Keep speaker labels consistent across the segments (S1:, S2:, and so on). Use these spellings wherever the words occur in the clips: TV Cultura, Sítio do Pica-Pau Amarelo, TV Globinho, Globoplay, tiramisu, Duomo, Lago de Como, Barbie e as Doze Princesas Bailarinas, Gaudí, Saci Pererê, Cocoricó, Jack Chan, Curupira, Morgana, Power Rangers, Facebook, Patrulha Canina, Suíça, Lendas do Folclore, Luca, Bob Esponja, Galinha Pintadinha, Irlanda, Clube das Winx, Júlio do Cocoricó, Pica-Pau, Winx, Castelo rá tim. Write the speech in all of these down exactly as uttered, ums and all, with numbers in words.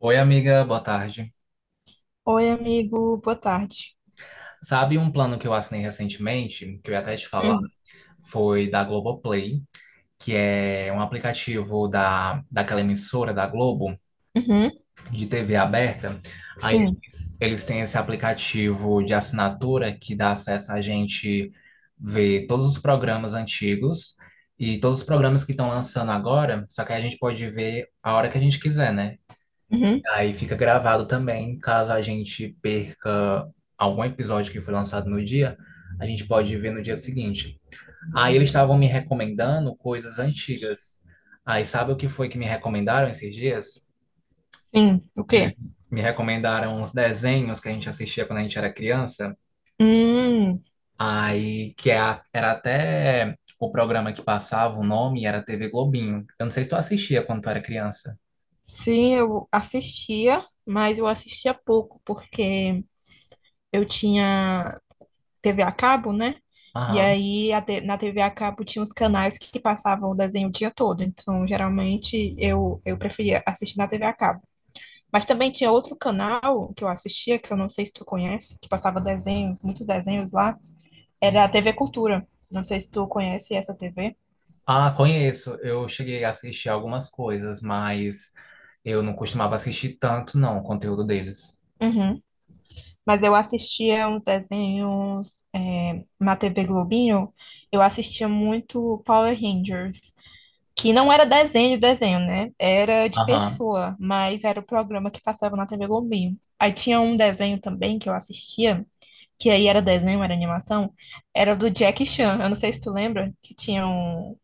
S1: Oi, amiga, boa tarde.
S2: Oi, amigo, boa tarde.
S1: Sabe um plano que eu assinei recentemente, que eu ia até te falar,
S2: Hum.
S1: foi da Globoplay, que é um aplicativo da, daquela emissora da Globo,
S2: Uhum.
S1: de T V aberta. Aí
S2: Sim.
S1: eles, eles têm esse aplicativo de assinatura que dá acesso a gente ver todos os programas antigos e todos os programas que estão lançando agora, só que aí a gente pode ver a hora que a gente quiser, né?
S2: Uhum.
S1: Aí fica gravado também, caso a gente perca algum episódio que foi lançado no dia, a gente pode ver no dia seguinte. Aí eles estavam me recomendando coisas antigas. Aí sabe o que foi que me recomendaram esses dias?
S2: Sim, o
S1: Eles
S2: quê?
S1: me recomendaram uns desenhos que a gente assistia quando a gente era criança.
S2: Hum.
S1: Aí que é a- era até o programa que passava, o nome era T V Globinho. Eu não sei se tu assistia quando tu era criança.
S2: Sim, eu assistia, mas eu assistia pouco, porque eu tinha T V a cabo, né? E
S1: Aham.
S2: aí a te- na T V a cabo tinha os canais que passavam o desenho o dia todo, então geralmente eu, eu preferia assistir na T V a cabo. Mas também tinha outro canal que eu assistia, que eu não sei se tu conhece, que passava desenhos, muitos desenhos lá. Era a T V Cultura. Não sei se tu conhece essa T V.
S1: Ah, conheço. Eu cheguei a assistir algumas coisas, mas eu não costumava assistir tanto, não, o conteúdo deles.
S2: Uhum. Mas eu assistia uns desenhos é, na T V Globinho. Eu assistia muito Power Rangers, que não era desenho de desenho, né? Era de
S1: Aham.
S2: pessoa, mas era o programa que passava na T V Globinho. Aí tinha um desenho também que eu assistia, que aí era desenho, era animação, era do Jack Chan. Eu não sei se tu lembra, que tinha um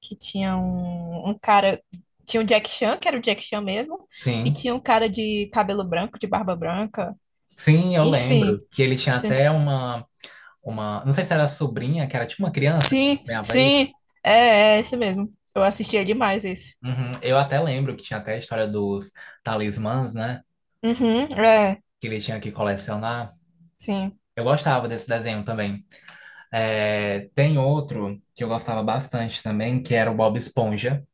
S2: que tinha um, um cara. Tinha o Jack Chan, que era o Jack Chan mesmo, e
S1: Sim.
S2: tinha um cara de cabelo branco, de barba branca.
S1: Sim, eu
S2: Enfim.
S1: lembro que ele tinha
S2: Sim,
S1: até uma, uma, não sei se era sobrinha, que era tipo uma criança que
S2: sim,
S1: acompanhava ele.
S2: sim. É, é esse mesmo. Eu assistia demais esse.
S1: Uhum. Eu até lembro que tinha até a história dos talismãs, né?
S2: Uhum. É.
S1: Que ele tinha que colecionar.
S2: Sim.
S1: Eu gostava desse desenho também. É, tem outro que eu gostava bastante também, que era o Bob Esponja.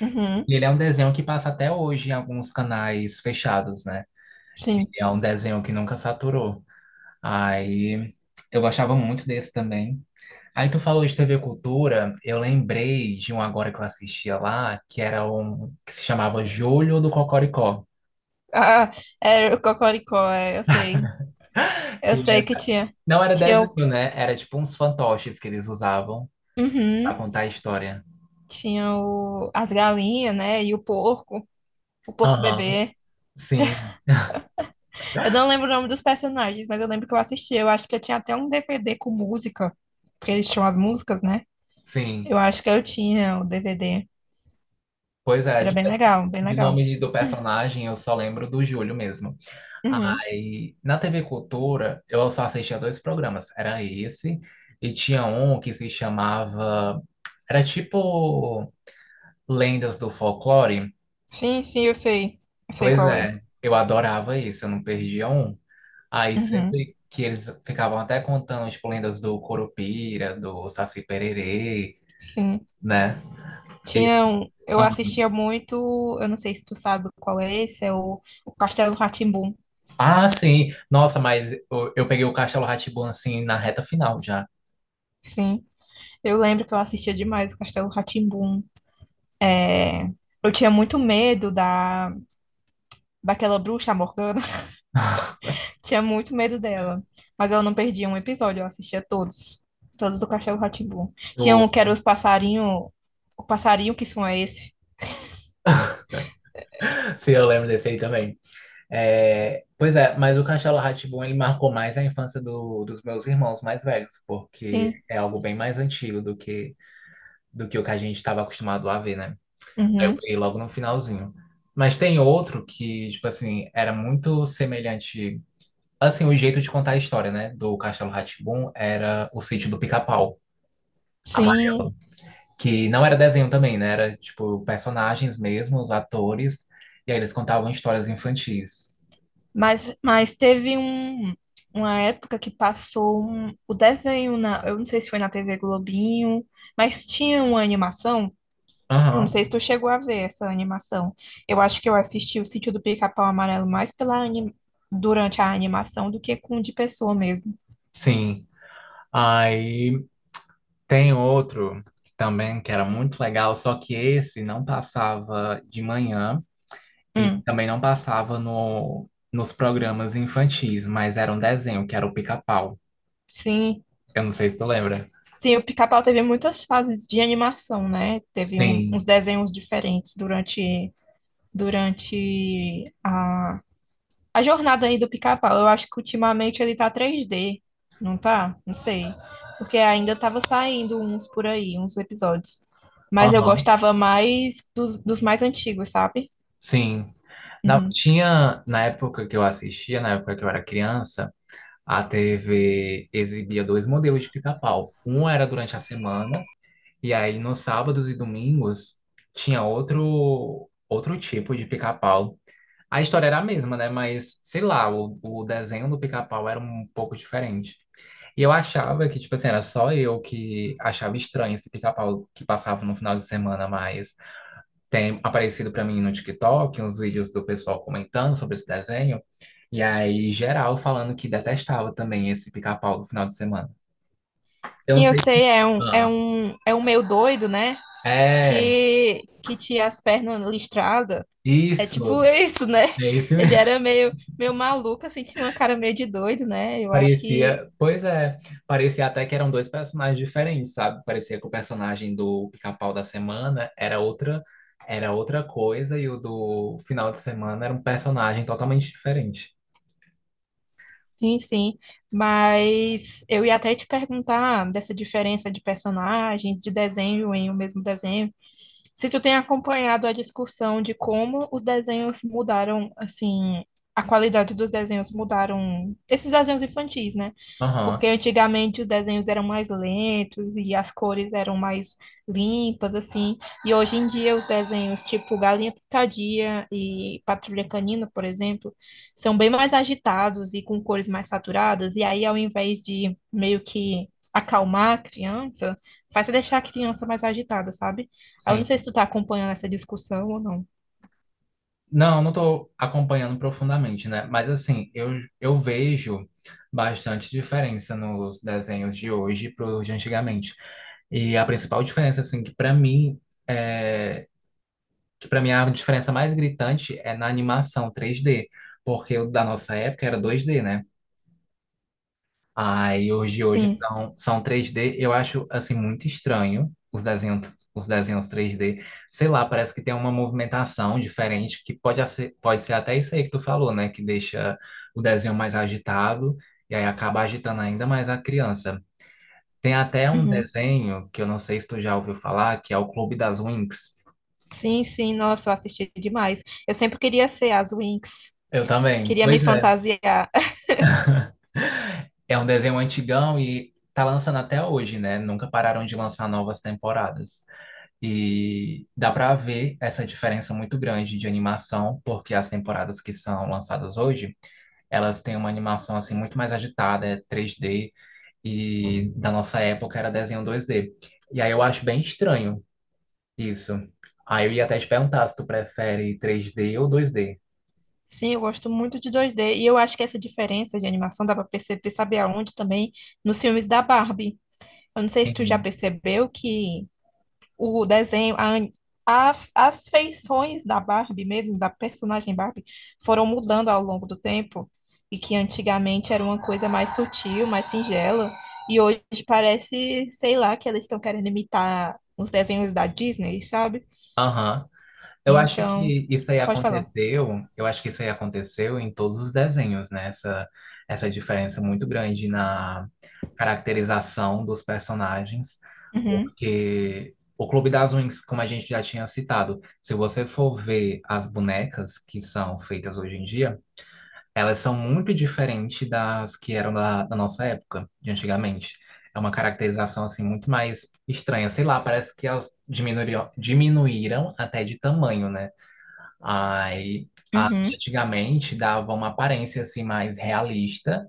S2: Uhum.
S1: E ele é um desenho que passa até hoje em alguns canais fechados, né? Ele
S2: Sim.
S1: é um desenho que nunca saturou. Aí eu gostava muito desse também. Aí tu falou de T V Cultura, eu lembrei de um agora que eu assistia lá, que era um que se chamava Júlio do Cocoricó,
S2: Ah, era o Cocoricó, é, eu sei.
S1: que
S2: Eu sei que
S1: era-
S2: tinha.
S1: não era
S2: Tinha o.
S1: desenho, né? Era tipo uns fantoches que eles usavam pra
S2: Uhum.
S1: contar a história.
S2: Tinha o, as galinhas, né? E o porco. O porco
S1: Aham.
S2: bebê.
S1: Sim,
S2: Eu não lembro o nome dos personagens, mas eu lembro que eu assisti. Eu acho que eu tinha até um D V D com música, porque eles tinham as músicas, né?
S1: sim.
S2: Eu acho que eu tinha o D V D.
S1: Pois é,
S2: Era
S1: de,
S2: bem legal, bem
S1: de
S2: legal.
S1: nome do personagem eu só lembro do Júlio mesmo.
S2: Uhum.
S1: Aí, na T V Cultura, eu só assistia dois programas. Era esse, e tinha um que se chamava. Era tipo Lendas do Folclore.
S2: Sim, sim, eu sei. Eu sei
S1: Pois
S2: qual é.
S1: é, eu adorava isso, eu não perdia um. Aí,
S2: Uhum.
S1: sempre que eles ficavam até contando, tipo, lendas do Curupira, do Saci Pererê,
S2: Sim.
S1: né?
S2: Tinha
S1: E-
S2: um, eu assistia muito, eu não sei se tu sabe qual é esse, é o, o Castelo rá tim.
S1: Ah, sim. Nossa, mas eu, eu peguei o Castelo Rá assim na reta final já.
S2: Sim. Eu lembro que eu assistia demais o Castelo rá tim. É, eu tinha muito medo da, daquela bruxa, a Morgana. Tinha muito medo dela. Mas eu não perdia um episódio, eu assistia todos. Todos do Castelo rá tim. Tinha um
S1: Eu,
S2: que era os passarinho. O passarinho que som é esse?
S1: se eu lembro desse aí também. É, pois é, mas o Castelo Rá Tim ele marcou mais a infância do- dos meus irmãos mais velhos, porque
S2: Sim.
S1: é algo bem mais antigo do que, do que o que a gente estava acostumado a ver, né? Eu
S2: Uhum.
S1: peguei logo no finalzinho. Mas tem outro que, tipo assim, era muito semelhante. Assim, o jeito de contar a história, né? Do Castelo Rá Tim era o sítio do Pica-Pau
S2: Sim.
S1: amarelo. Que não era desenho também, né? Era, tipo, personagens mesmo, os atores, e aí eles contavam histórias infantis.
S2: Mas, mas teve um, uma época que passou um- o desenho na. Eu não sei se foi na T V Globinho, mas tinha uma animação. Eu não
S1: Aham,
S2: sei se tu chegou a ver essa animação. Eu acho que eu assisti o Sítio do Pica-Pau Amarelo mais pela anim- durante a animação do que com de pessoa mesmo.
S1: sim. Aí tem outro também que era muito legal, só que esse não passava de manhã e
S2: Hum.
S1: também não passava no, nos programas infantis, mas era um desenho que era o Pica-Pau.
S2: Sim,
S1: Eu não sei se tu lembra.
S2: Sim, o Pica-Pau teve muitas fases de animação, né? Teve um- uns
S1: Sim.
S2: desenhos diferentes durante, durante a, a jornada aí do Pica-Pau. Eu acho que ultimamente ele tá três d, não tá? Não sei. Porque ainda tava saindo uns por aí, uns episódios. Mas eu
S1: Aham.
S2: gostava mais dos, dos mais antigos, sabe?
S1: Sim. Na,
S2: Uhum.
S1: tinha, na época que eu assistia, na época que eu era criança, a T V exibia dois modelos de pica-pau. Um era durante a semana. E aí, nos sábados e domingos, tinha outro, outro tipo de pica-pau. A história era a mesma, né? Mas, sei lá, o, o desenho do pica-pau era um pouco diferente. E eu achava que, tipo assim, era só eu que achava estranho esse pica-pau que passava no final de semana, mas tem aparecido pra mim no TikTok uns vídeos do pessoal comentando sobre esse desenho. E aí, geral, falando que detestava também esse pica-pau do final de semana. Eu não
S2: Sim, eu
S1: sei.
S2: sei, é um, é
S1: Ah,
S2: um, é um meio doido, né?
S1: é,
S2: Que, que tinha as pernas listradas. É tipo
S1: isso.
S2: isso, né?
S1: É isso
S2: Ele
S1: mesmo.
S2: era meio, meio maluco, assim, tinha uma cara meio de doido, né? Eu acho que
S1: Parecia, pois é, parecia até que eram dois personagens diferentes, sabe? Parecia que o personagem do Pica-Pau da semana era outra, era outra coisa e o do final de semana era um personagem totalmente diferente.
S2: sim, sim. Mas eu ia até te perguntar dessa diferença de personagens, de desenho em o mesmo desenho. Se tu tem acompanhado a discussão de como os desenhos mudaram, assim, a qualidade dos desenhos mudaram, esses desenhos infantis, né?
S1: Aham,
S2: Porque antigamente os desenhos eram mais lentos e as cores eram mais limpas, assim. E hoje em dia os desenhos tipo Galinha Pintadinha e Patrulha Canina, por exemplo, são bem mais agitados e com cores mais saturadas, e aí, ao invés de meio que acalmar a criança, faz você deixar a criança mais agitada, sabe? Aí eu não sei se
S1: sim.
S2: tu tá acompanhando essa discussão ou não.
S1: Não, não tô acompanhando profundamente, né? Mas assim, eu, eu vejo bastante diferença nos desenhos de hoje para os de antigamente. E a principal diferença, assim, que para mim é, que para mim a diferença mais gritante é na animação três D, porque o da nossa época era dois D, né? Aí hoje hoje
S2: Sim.
S1: são são três D, eu acho assim muito estranho os desenhos os desenhos três D, sei lá, parece que tem uma movimentação diferente que pode ser, pode ser até isso aí que tu falou, né, que deixa o desenho mais agitado e aí acaba agitando ainda mais a criança. Tem até um
S2: Uhum.
S1: desenho que eu não sei se tu já ouviu falar, que é o Clube das Winx.
S2: Sim, sim, nossa, eu assisti demais. Eu sempre queria ser as Winx,
S1: Eu também.
S2: queria me
S1: Pois é.
S2: fantasiar.
S1: É um desenho antigão e tá lançando até hoje, né? Nunca pararam de lançar novas temporadas. E dá pra ver essa diferença muito grande de animação, porque as temporadas que são lançadas hoje, elas têm uma animação assim muito mais agitada, é três D, e da nossa época era desenho dois D. E aí eu acho bem estranho isso. Aí eu ia até te perguntar se tu prefere três D ou dois D.
S2: Sim, eu gosto muito de dois D. E eu acho que essa diferença de animação dá pra perceber, sabe aonde também? Nos filmes da Barbie. Eu não sei se tu já
S1: Sim.
S2: percebeu que o desenho, a, an- a- as feições da Barbie mesmo, da personagem Barbie, foram mudando ao longo do tempo e que antigamente era uma coisa mais sutil, mais singela, e hoje parece, sei lá, que elas estão querendo imitar os desenhos da Disney, sabe?
S1: Aham. Eu acho
S2: Então,
S1: que isso aí
S2: pode falar.
S1: aconteceu, eu acho que isso aí aconteceu em todos os desenhos, né? Essa, essa diferença muito grande na caracterização dos personagens,
S2: Uhum.
S1: porque o Clube das Winx, como a gente já tinha citado, se você for ver as bonecas que são feitas hoje em dia, elas são muito diferentes das que eram da, da nossa época, de antigamente. É uma caracterização assim muito mais estranha, sei lá, parece que elas diminuíram, diminuíram até de tamanho, né? Aí, a-
S2: Uhum.
S1: arte antigamente dava uma aparência assim mais realista,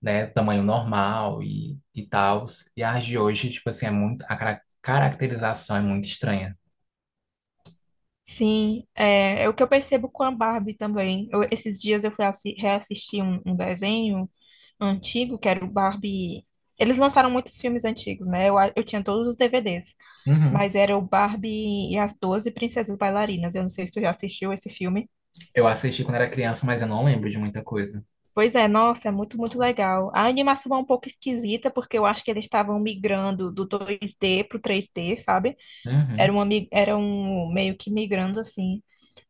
S1: né, tamanho normal e e tal. E as de hoje, tipo assim, é muito a cara- caracterização é muito estranha.
S2: Sim, é, é o que eu percebo com a Barbie também. Eu- esses dias eu fui assi- reassistir um, um desenho antigo, que era o Barbie. Eles lançaram muitos filmes antigos, né? Eu, a- eu tinha todos os D V Ds,
S1: Uhum.
S2: mas era o Barbie e as Doze Princesas Bailarinas. Eu não sei se tu já assistiu esse filme.
S1: Eu assisti quando era criança, mas eu não lembro de muita coisa.
S2: Pois é, nossa, é muito, muito legal. A animação é um pouco esquisita, porque eu acho que eles estavam migrando do dois d pro três d, sabe? Era
S1: Uhum.
S2: uma, mi- era um meio que migrando assim.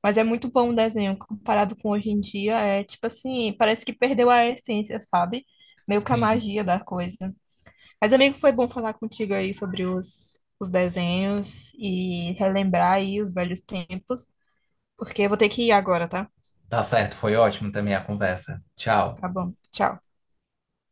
S2: Mas é muito bom o desenho, comparado com hoje em dia, é tipo assim, parece que perdeu a essência, sabe? Meio que a
S1: Sim.
S2: magia da coisa. Mas, amigo, foi bom falar contigo aí sobre os, os desenhos e relembrar aí os velhos tempos, porque eu vou ter que ir agora, tá?
S1: Tá certo, foi ótimo também a conversa. Tchau.
S2: Tá bom, tchau.